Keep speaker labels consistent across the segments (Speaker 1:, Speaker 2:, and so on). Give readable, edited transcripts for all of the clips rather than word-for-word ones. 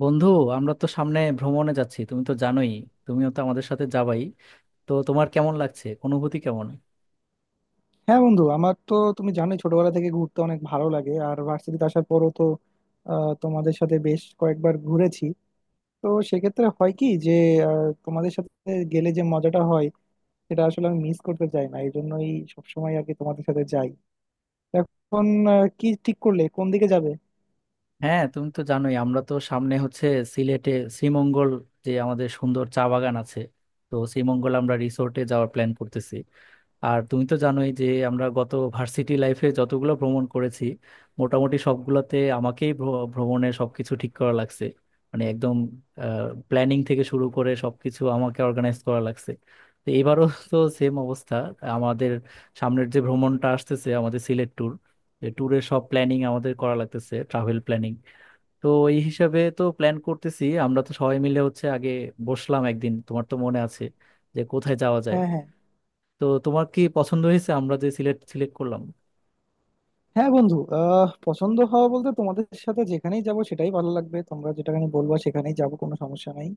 Speaker 1: বন্ধু, আমরা তো সামনে ভ্রমণে যাচ্ছি, তুমি তো জানোই। তুমিও তো আমাদের সাথে যাবাই। তো তোমার কেমন লাগছে, অনুভূতি কেমন?
Speaker 2: হ্যাঁ বন্ধু, আমার তো তুমি জানোই ছোটবেলা থেকে ঘুরতে অনেক ভালো লাগে। আর ভার্সিটিতে আসার পরও তো তোমাদের সাথে বেশ কয়েকবার ঘুরেছি। তো সেক্ষেত্রে হয় কি যে তোমাদের সাথে গেলে যে মজাটা হয় সেটা আসলে আমি মিস করতে চাই না, এই জন্যই সবসময় আর কি তোমাদের সাথে যাই। এখন কি ঠিক করলে কোন দিকে যাবে?
Speaker 1: হ্যাঁ, তুমি তো জানোই আমরা তো সামনে হচ্ছে সিলেটে, শ্রীমঙ্গল, যে আমাদের সুন্দর চা বাগান আছে। তো শ্রীমঙ্গল আমরা রিসোর্টে যাওয়ার প্ল্যান করতেছি। আর তুমি তো জানোই যে আমরা গত ভার্সিটি লাইফে যতগুলো ভ্রমণ করেছি, মোটামুটি সবগুলোতে আমাকেই ভ্রমণের সবকিছু ঠিক করা লাগছে। মানে একদম প্ল্যানিং থেকে শুরু করে সবকিছু আমাকে অর্গানাইজ করা লাগছে। তো এবারও তো সেম অবস্থা। আমাদের সামনের যে ভ্রমণটা আসতেছে, আমাদের সিলেট ট্যুর, ট্যুরের সব প্ল্যানিং আমাদের করা লাগতেছে, ট্রাভেল প্ল্যানিং। তো এই হিসাবে তো প্ল্যান করতেছি। আমরা তো সবাই মিলে হচ্ছে আগে বসলাম একদিন, তোমার তো মনে আছে, যে কোথায় যাওয়া যায়।
Speaker 2: হ্যাঁ হ্যাঁ।
Speaker 1: তো তোমার কি পছন্দ হয়েছে, আমরা যে সিলেক্ট সিলেক্ট করলাম?
Speaker 2: হ্যাঁ বন্ধু, পছন্দ হওয়া বলতে তোমাদের সাথে যেখানেই যাব সেটাই ভালো লাগবে, তোমরা যেটাখানে বলবা সেখানেই যাব, কোনো সমস্যা নাই।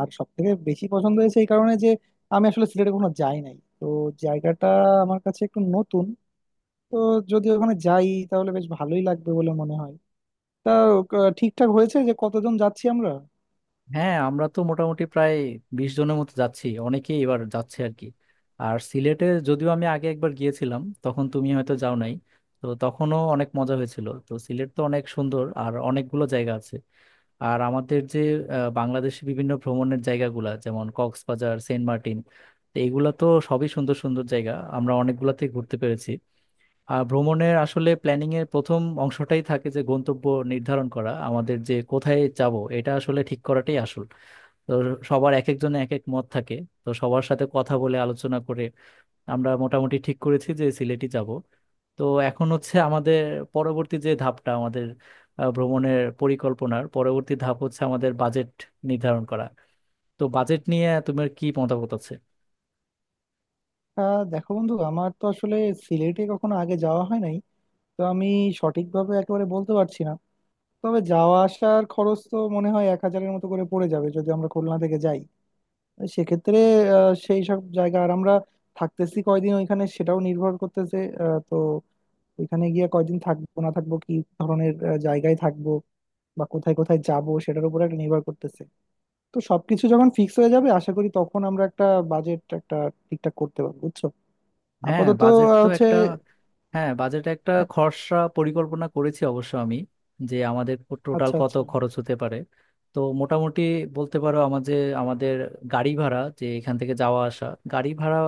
Speaker 2: আর সব থেকে বেশি পছন্দ হয়েছে এই কারণে যে আমি আসলে সিলেটে কখনো যাই নাই, তো জায়গাটা আমার কাছে একটু নতুন। তো যদি ওখানে যাই তাহলে বেশ ভালোই লাগবে বলে মনে হয়। তা ঠিকঠাক হয়েছে যে কতজন যাচ্ছি আমরা?
Speaker 1: হ্যাঁ, আমরা তো মোটামুটি প্রায় 20 জনের মতো যাচ্ছি, অনেকেই এবার যাচ্ছে আর কি। আর সিলেটে যদিও আমি আগে একবার গিয়েছিলাম, তখন তুমি হয়তো যাও নাই। তো তখনও অনেক মজা হয়েছিল। তো সিলেট তো অনেক সুন্দর, আর অনেকগুলো জায়গা আছে। আর আমাদের যে বাংলাদেশে বিভিন্ন ভ্রমণের জায়গাগুলা, যেমন কক্সবাজার, সেন্ট মার্টিন, তো এগুলা তো সবই সুন্দর সুন্দর জায়গা, আমরা অনেকগুলাতেই ঘুরতে পেরেছি। ভ্রমণের আসলে প্ল্যানিং এর প্রথম অংশটাই থাকে যে গন্তব্য নির্ধারণ করা, আমাদের যে কোথায় যাব এটা আসলে ঠিক করাটাই আসল। তো সবার এক একজনের এক এক মত থাকে। তো সবার সাথে কথা বলে, আলোচনা করে আমরা মোটামুটি ঠিক করেছি যে সিলেটই যাব। তো এখন হচ্ছে আমাদের পরবর্তী যে ধাপটা আমাদের, ভ্রমণের পরিকল্পনার পরবর্তী ধাপ হচ্ছে আমাদের বাজেট নির্ধারণ করা। তো বাজেট নিয়ে তোমার কি মতামত আছে?
Speaker 2: দেখো বন্ধু, আমার তো আসলে সিলেটে কখনো আগে যাওয়া হয় নাই, তো আমি সঠিকভাবে একেবারে বলতে পারছি না। তবে যাওয়া আসার খরচ তো মনে হয় এক হাজারের মতো করে পড়ে যাবে যদি আমরা খুলনা থেকে যাই। সেক্ষেত্রে সেই সব জায়গা আর আমরা থাকতেছি কয়দিন ওইখানে সেটাও নির্ভর করতেছে। তো ওইখানে গিয়ে কয়দিন থাকবো না থাকবো, কি ধরনের জায়গায় থাকবো বা কোথায় কোথায় যাব সেটার উপর একটা নির্ভর করতেছে। তো সবকিছু যখন ফিক্স হয়ে যাবে আশা করি তখন আমরা একটা বাজেট একটা ঠিকঠাক করতে পারবো, বুঝছো।
Speaker 1: হ্যাঁ,
Speaker 2: আপাতত
Speaker 1: বাজেট তো
Speaker 2: হচ্ছে।
Speaker 1: একটা। হ্যাঁ, বাজেট একটা
Speaker 2: হ্যাঁ।
Speaker 1: খরচা পরিকল্পনা করেছি অবশ্য আমি, যে আমাদের টোটাল
Speaker 2: আচ্ছা
Speaker 1: কত
Speaker 2: আচ্ছা।
Speaker 1: খরচ হতে পারে। তো মোটামুটি বলতে পারো আমাদের আমাদের গাড়ি ভাড়া, যে এখান থেকে যাওয়া আসা গাড়ি ভাড়া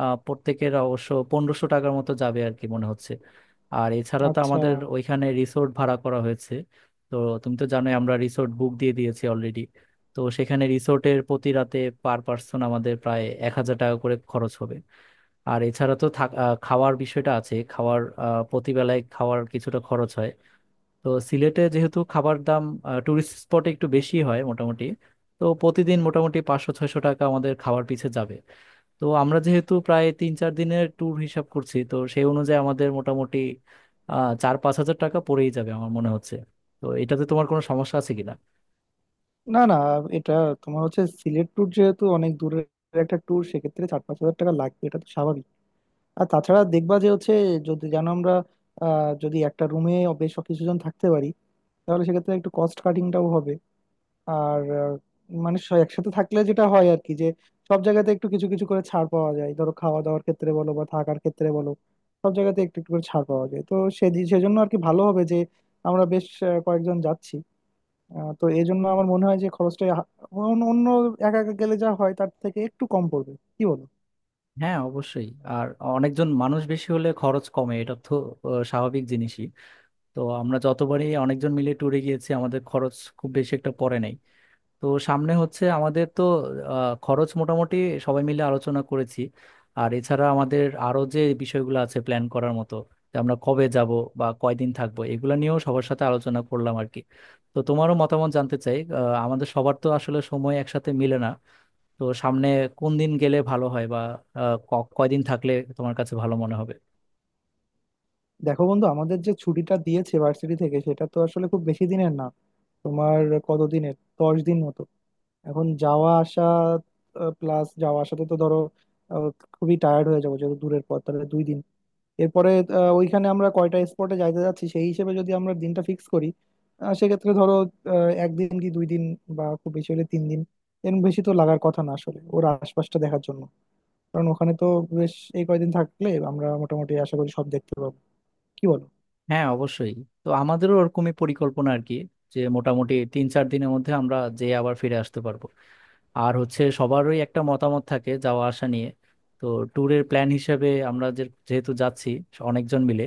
Speaker 1: প্রত্যেকের অবশ্য 1500 টাকার মতো যাবে আর কি মনে হচ্ছে। আর এছাড়া তো
Speaker 2: আচ্ছা।
Speaker 1: আমাদের ওইখানে রিসোর্ট ভাড়া করা হয়েছে। তো তুমি তো জানোই আমরা রিসোর্ট বুক দিয়ে দিয়েছি অলরেডি। তো সেখানে রিসোর্টের প্রতি রাতে পার পার্সন আমাদের প্রায় 1000 টাকা করে খরচ হবে। আর এছাড়া তো খাওয়ার বিষয়টা আছে। খাওয়ার প্রতিবেলায় খাওয়ার কিছুটা খরচ হয়। তো সিলেটে যেহেতু খাবার দাম টুরিস্ট স্পটে একটু বেশি হয় মোটামুটি, তো প্রতিদিন মোটামুটি 500-600 টাকা আমাদের খাওয়ার পিছে যাবে। তো আমরা যেহেতু প্রায় 3-4 দিনের ট্যুর হিসাব করছি, তো সেই অনুযায়ী আমাদের মোটামুটি 4-5 হাজার টাকা পড়েই যাবে আমার মনে হচ্ছে। তো এটাতে তোমার কোনো সমস্যা আছে কিনা?
Speaker 2: না না, এটা তোমার হচ্ছে সিলেট ট্যুর যেহেতু অনেক দূরের একটা ট্যুর, সেক্ষেত্রে 4-5 হাজার টাকা লাগবে এটা তো স্বাভাবিক। আর তাছাড়া দেখবা যে হচ্ছে যদি যেন আমরা যদি একটা রুমে বেশ কিছুজন থাকতে পারি তাহলে সেক্ষেত্রে একটু কস্ট কাটিংটাও হবে। আর মানে একসাথে থাকলে যেটা হয় আর কি, যে সব জায়গাতে একটু কিছু কিছু করে ছাড় পাওয়া যায়, ধরো খাওয়া দাওয়ার ক্ষেত্রে বলো বা থাকার ক্ষেত্রে বলো। সব জায়গাতে একটু একটু করে ছাড় পাওয়া যায়। তো সেজন্য আর কি ভালো হবে যে আমরা বেশ কয়েকজন যাচ্ছি। তো এই জন্য আমার মনে হয় যে খরচটা অন্য অন্য একা একা গেলে যা হয় তার থেকে একটু কম পড়বে, কি বলো?
Speaker 1: হ্যাঁ, অবশ্যই। আর অনেকজন মানুষ বেশি হলে খরচ কমে, এটা তো স্বাভাবিক জিনিসই। তো আমরা যতবারই অনেকজন মিলে ট্যুরে গিয়েছি আমাদের খরচ খুব বেশি একটা পড়ে নাই। তো সামনে হচ্ছে আমাদের তো খরচ মোটামুটি সবাই মিলে আলোচনা করেছি। আর এছাড়া আমাদের আরো যে বিষয়গুলো আছে প্ল্যান করার মতো, যে আমরা কবে যাব বা কয়দিন থাকবো, এগুলো নিয়েও সবার সাথে আলোচনা করলাম আর কি। তো তোমারও মতামত জানতে চাই। আমাদের সবার তো আসলে সময় একসাথে মিলে না। তো সামনে কোন দিন গেলে ভালো হয়, বা কয়দিন থাকলে তোমার কাছে ভালো মনে হবে?
Speaker 2: দেখো বন্ধু, আমাদের যে ছুটিটা দিয়েছে ভার্সিটি থেকে সেটা তো আসলে খুব বেশি দিনের না। তোমার কতদিনের, 10 দিন মতো? এখন যাওয়া আসা প্লাস যাওয়া আসাতে তো ধরো আহ, খুবই টায়ার্ড হয়ে যাবো যেহেতু দূরের পথ, তাহলে 2 দিন। এরপরে ওইখানে আমরা কয়টা স্পটে যাইতে যাচ্ছি সেই হিসেবে যদি আমরা দিনটা ফিক্স করি। সেক্ষেত্রে ধরো একদিন কি 2 দিন বা খুব বেশি হলে 3 দিন, এর বেশি তো লাগার কথা না আসলে ওর আশপাশটা দেখার জন্য। কারণ ওখানে তো বেশ এই কয়দিন থাকলে আমরা মোটামুটি আশা করি সব দেখতে পাবো, কি বলো?
Speaker 1: হ্যাঁ, অবশ্যই। তো আমাদেরও ওরকমই পরিকল্পনা আর কি, যে মোটামুটি 3-4 দিনের মধ্যে আমরা যে আবার ফিরে আসতে পারবো। আর হচ্ছে সবারই একটা মতামত থাকে যাওয়া আসা নিয়ে। তো ট্যুরের প্ল্যান হিসেবে আমরা, যে যেহেতু যাচ্ছি অনেকজন মিলে,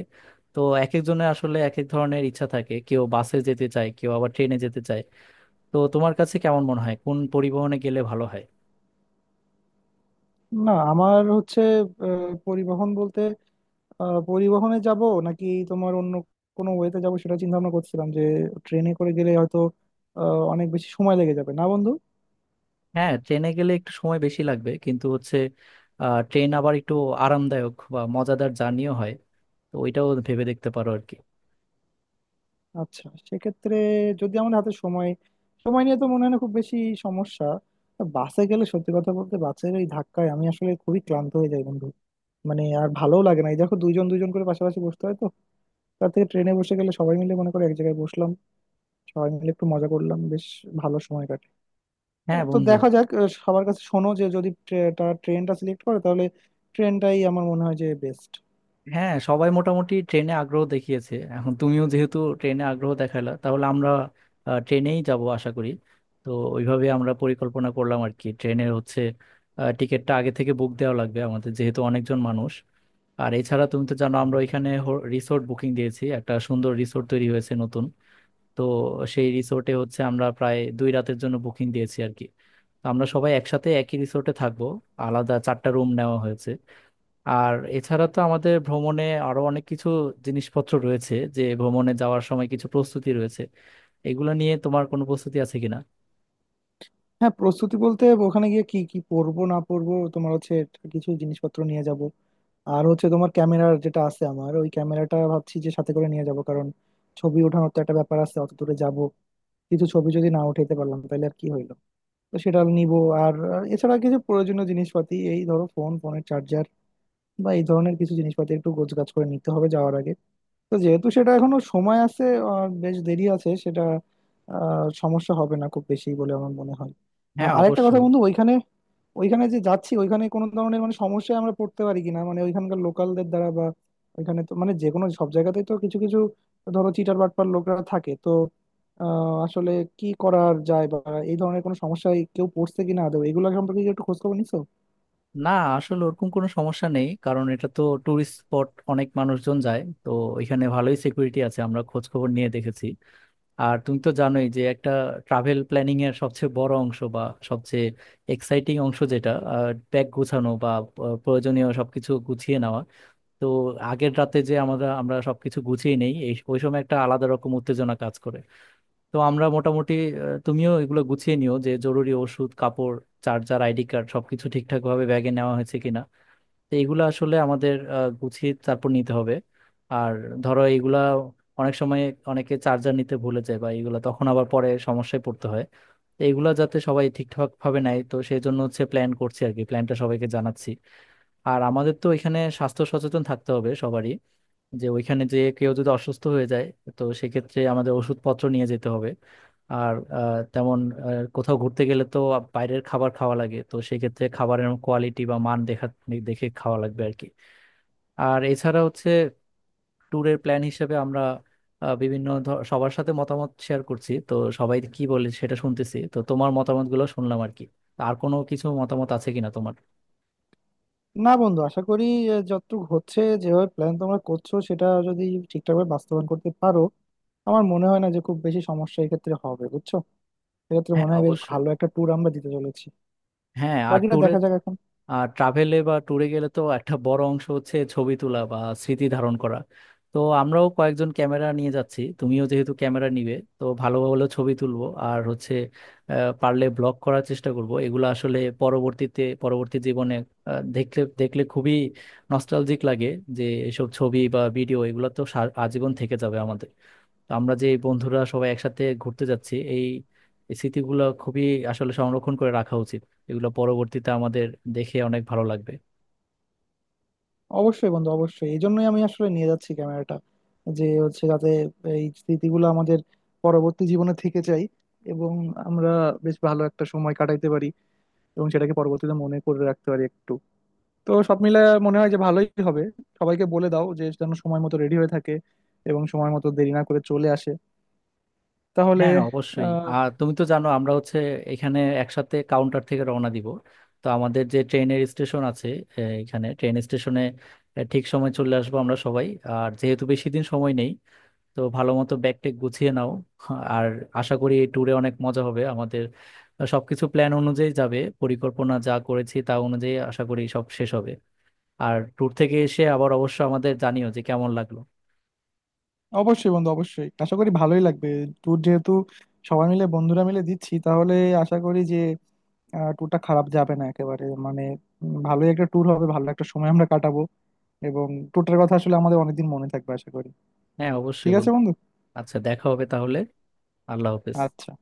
Speaker 1: তো এক একজনের আসলে এক এক ধরনের ইচ্ছা থাকে, কেউ বাসে যেতে চায়, কেউ আবার ট্রেনে যেতে চায়। তো তোমার কাছে কেমন মনে হয়, কোন পরিবহনে গেলে ভালো হয়?
Speaker 2: না আমার হচ্ছে পরিবহন বলতে পরিবহনে যাব নাকি তোমার অন্য কোনো ওয়েতে যাব সেটা চিন্তা ভাবনা করছিলাম, যে ট্রেনে করে গেলে হয়তো আহ, অনেক বেশি সময় লেগে যাবে না বন্ধু?
Speaker 1: হ্যাঁ, ট্রেনে গেলে একটু সময় বেশি লাগবে, কিন্তু হচ্ছে ট্রেন আবার একটু আরামদায়ক বা মজাদার জার্নিও হয়। তো ওইটাও ভেবে দেখতে পারো আর কি।
Speaker 2: আচ্ছা, সেক্ষেত্রে যদি আমার হাতে সময় সময় নিয়ে তো মনে হয় না খুব বেশি সমস্যা। তা বাসে গেলে সত্যি কথা বলতে বাসের এই ধাক্কায় আমি আসলে খুবই ক্লান্ত হয়ে যাই বন্ধু। মানে আর ভালোও লাগে না, এই দেখো দুইজন দুইজন করে পাশাপাশি বসতে হয় তো। তার থেকে ট্রেনে বসে গেলে সবাই মিলে মনে করে এক জায়গায় বসলাম, সবাই মিলে একটু মজা করলাম, বেশ ভালো সময় কাটে।
Speaker 1: হ্যাঁ
Speaker 2: তো
Speaker 1: বন্ধু।
Speaker 2: দেখা যাক, সবার কাছে শোনো যে যদি তারা ট্রেনটা সিলেক্ট করে তাহলে ট্রেনটাই আমার মনে হয় যে বেস্ট।
Speaker 1: হ্যাঁ, সবাই মোটামুটি ট্রেনে আগ্রহ দেখিয়েছে, এখন তুমিও যেহেতু ট্রেনে আগ্রহ দেখালা, তাহলে আমরা ট্রেনেই যাব আশা করি। তো ওইভাবে আমরা পরিকল্পনা করলাম আর কি। ট্রেনের হচ্ছে টিকিটটা আগে থেকে বুক দেওয়া লাগবে, আমাদের যেহেতু অনেকজন মানুষ। আর এছাড়া তুমি তো জানো আমরা ওইখানে রিসোর্ট বুকিং দিয়েছি, একটা সুন্দর রিসোর্ট তৈরি হয়েছে নতুন। তো সেই রিসোর্টে হচ্ছে আমরা প্রায় 2 রাতের জন্য বুকিং দিয়েছি আর কি। তো আমরা সবাই একসাথে একই রিসোর্টে থাকবো, আলাদা 4টা রুম নেওয়া হয়েছে। আর এছাড়া তো আমাদের ভ্রমণে আরো অনেক কিছু জিনিসপত্র রয়েছে, যে ভ্রমণে যাওয়ার সময় কিছু প্রস্তুতি রয়েছে। এগুলো নিয়ে তোমার কোনো প্রস্তুতি আছে কিনা?
Speaker 2: হ্যাঁ, প্রস্তুতি বলতে ওখানে গিয়ে কি কি পরবো না পরবো তোমার হচ্ছে কিছু জিনিসপত্র নিয়ে যাব। আর হচ্ছে তোমার ক্যামেরার যেটা আছে আমার, ওই ক্যামেরাটা ভাবছি যে সাথে করে নিয়ে যাব, কারণ ছবি ওঠানোর তো একটা ব্যাপার আছে, অত দূরে যাব কিছু ছবি যদি না উঠাইতে পারলাম তাহলে আর কি হইলো। তো সেটা নিব। আর আর এছাড়া কিছু প্রয়োজনীয় জিনিসপাতি, এই ধরো ফোন, ফোনের চার্জার বা এই ধরনের কিছু জিনিসপাতি একটু গোছগাছ করে নিতে হবে যাওয়ার আগে। তো যেহেতু সেটা এখনো সময় আছে, আর বেশ দেরি আছে সেটা, সমস্যা হবে না খুব বেশি বলে আমার মনে হয়।
Speaker 1: হ্যাঁ,
Speaker 2: আরেকটা কথা
Speaker 1: অবশ্যই।
Speaker 2: বন্ধু, ওইখানে ওইখানে যে যাচ্ছি ওইখানে কোনো ধরনের মানে সমস্যায় আমরা পড়তে পারি কিনা, মানে ওইখানকার লোকালদের দ্বারা বা। ওইখানে তো মানে যে কোনো সব জায়গাতেই তো কিছু কিছু, ধরো চিটার বাটপার লোকরা থাকে তো, আসলে কি করার যায় বা এই ধরনের কোনো সমস্যায় কেউ পড়ছে কিনা আদৌ, এগুলো সম্পর্কে কি একটু খোঁজ খবর নিছো?
Speaker 1: না, আসলে ওরকম কোনো সমস্যা নেই, কারণ এটা তো টুরিস্ট স্পট, অনেক মানুষজন যায় তো। এখানে ভালোই সিকিউরিটি আছে, আমরা খোঁজ খবর নিয়ে দেখেছি। আর তুমি তো জানোই যে একটা ট্রাভেল প্ল্যানিং এর সবচেয়ে বড় অংশ, বা সবচেয়ে এক্সাইটিং অংশ যেটা, ব্যাগ গোছানো বা প্রয়োজনীয় সবকিছু গুছিয়ে নেওয়া। তো আগের রাতে যে আমরা আমরা সবকিছু গুছিয়ে নেই, এই ওই সময় একটা আলাদা রকম উত্তেজনা কাজ করে। তো আমরা মোটামুটি তুমিও এগুলো গুছিয়ে নিও, যে জরুরি ওষুধ, কাপড়, চার্জার, আইডি কার্ড সবকিছু ঠিকঠাক ভাবে ব্যাগে নেওয়া হয়েছে কিনা। তো এগুলো আসলে আমাদের গুছিয়ে তারপর নিতে হবে। আর ধরো, এগুলা অনেক সময় অনেকে চার্জার নিতে ভুলে যায়, বা এগুলা তখন আবার পরে সমস্যায় পড়তে হয়। তো এগুলা যাতে সবাই ঠিকঠাক ভাবে নেয়, তো সেই জন্য হচ্ছে প্ল্যান করছি আর কি, প্ল্যানটা সবাইকে জানাচ্ছি। আর আমাদের তো এখানে স্বাস্থ্য সচেতন থাকতে হবে সবারই, যে ওইখানে যে কেউ যদি অসুস্থ হয়ে যায়, তো সেক্ষেত্রে আমাদের ওষুধপত্র নিয়ে যেতে হবে। আর আহ, কোথাও ঘুরতে গেলে তো বাইরের খাবার খাওয়া লাগে, তো সেক্ষেত্রে খাবারের কোয়ালিটি বা মান দেখা দেখে খাওয়া লাগবে আর কি। আর এছাড়া হচ্ছে ট্যুরের প্ল্যান হিসেবে আমরা সবার সাথে মতামত শেয়ার করছি। তো সবাই কি বলে সেটা শুনতেছি, তো তোমার মতামতগুলো শুনলাম আর কি। আর কোনো কিছু মতামত আছে কিনা তোমার?
Speaker 2: না বন্ধু, আশা করি যতটুকু হচ্ছে যেভাবে প্ল্যান তোমরা করছো সেটা যদি ঠিকঠাকভাবে বাস্তবায়ন করতে পারো, আমার মনে হয় না যে খুব বেশি সমস্যা এক্ষেত্রে হবে, বুঝছো। এক্ষেত্রে
Speaker 1: হ্যাঁ,
Speaker 2: মনে হয় বেশ
Speaker 1: অবশ্যই।
Speaker 2: ভালো একটা ট্যুর আমরা দিতে চলেছি।
Speaker 1: হ্যাঁ, আর
Speaker 2: বাকিটা
Speaker 1: ট্যুরে,
Speaker 2: দেখা যাক এখন।
Speaker 1: আর ট্রাভেলে বা ট্যুরে গেলে তো একটা বড় অংশ হচ্ছে ছবি তোলা বা স্মৃতি ধারণ করা। তো আমরাও কয়েকজন ক্যামেরা নিয়ে যাচ্ছি, তুমিও যেহেতু ক্যামেরা নিবে, তো ভালো ভালো ছবি তুলবো। আর হচ্ছে পারলে ব্লগ করার চেষ্টা করব। এগুলো আসলে পরবর্তীতে পরবর্তী জীবনে দেখলে দেখলে খুবই নস্টালজিক লাগে, যে এসব ছবি বা ভিডিও এগুলো তো আজীবন থেকে যাবে আমাদের। তো আমরা যে বন্ধুরা সবাই একসাথে ঘুরতে যাচ্ছি, এই এই স্মৃতিগুলো খুবই আসলে সংরক্ষণ করে রাখা উচিত। এগুলো পরবর্তীতে আমাদের দেখে অনেক ভালো লাগবে।
Speaker 2: অবশ্যই বন্ধু, অবশ্যই, এই জন্যই আমি আসলে নিয়ে যাচ্ছি ক্যামেরাটা, যে হচ্ছে যাতে এই স্মৃতিগুলো আমাদের পরবর্তী জীবনে থেকে যায়, এবং আমরা বেশ ভালো একটা সময় কাটাইতে পারি এবং সেটাকে পরবর্তীতে মনে করে রাখতে পারি একটু। তো সব মিলে মনে হয় যে ভালোই হবে। সবাইকে বলে দাও যে যেন সময় মতো রেডি হয়ে থাকে এবং সময় মতো দেরি না করে চলে আসে তাহলে।
Speaker 1: হ্যাঁ, অবশ্যই।
Speaker 2: আহ
Speaker 1: আর তুমি তো জানো আমরা হচ্ছে এখানে একসাথে কাউন্টার থেকে রওনা দিব। তো আমাদের যে ট্রেনের স্টেশন আছে, এখানে ট্রেন স্টেশনে ঠিক সময় চলে আসবো আমরা সবাই। আর যেহেতু বেশি দিন সময় নেই, তো ভালো মতো ব্যাগ ট্যাগ গুছিয়ে নাও। আর আশা করি এই ট্যুরে অনেক মজা হবে আমাদের, সবকিছু প্ল্যান অনুযায়ী যাবে, পরিকল্পনা যা করেছি তা অনুযায়ী আশা করি সব শেষ হবে। আর ট্যুর থেকে এসে আবার অবশ্য আমাদের জানিও যে কেমন লাগলো।
Speaker 2: অবশ্যই বন্ধু, অবশ্যই, আশা করি ভালোই লাগবে। ট্যুর যেহেতু সবাই মিলে বন্ধুরা মিলে দিচ্ছি তাহলে আশা করি যে ট্যুরটা খারাপ যাবে না একেবারে। মানে ভালোই একটা ট্যুর হবে, ভালো একটা সময় আমরা কাটাবো এবং ট্যুরটার কথা আসলে আমাদের অনেকদিন মনে থাকবে আশা করি।
Speaker 1: হ্যাঁ,
Speaker 2: ঠিক
Speaker 1: অবশ্যই
Speaker 2: আছে
Speaker 1: বন্ধু।
Speaker 2: বন্ধু।
Speaker 1: আচ্ছা, দেখা হবে তাহলে। আল্লাহ হাফেজ।
Speaker 2: আচ্ছা।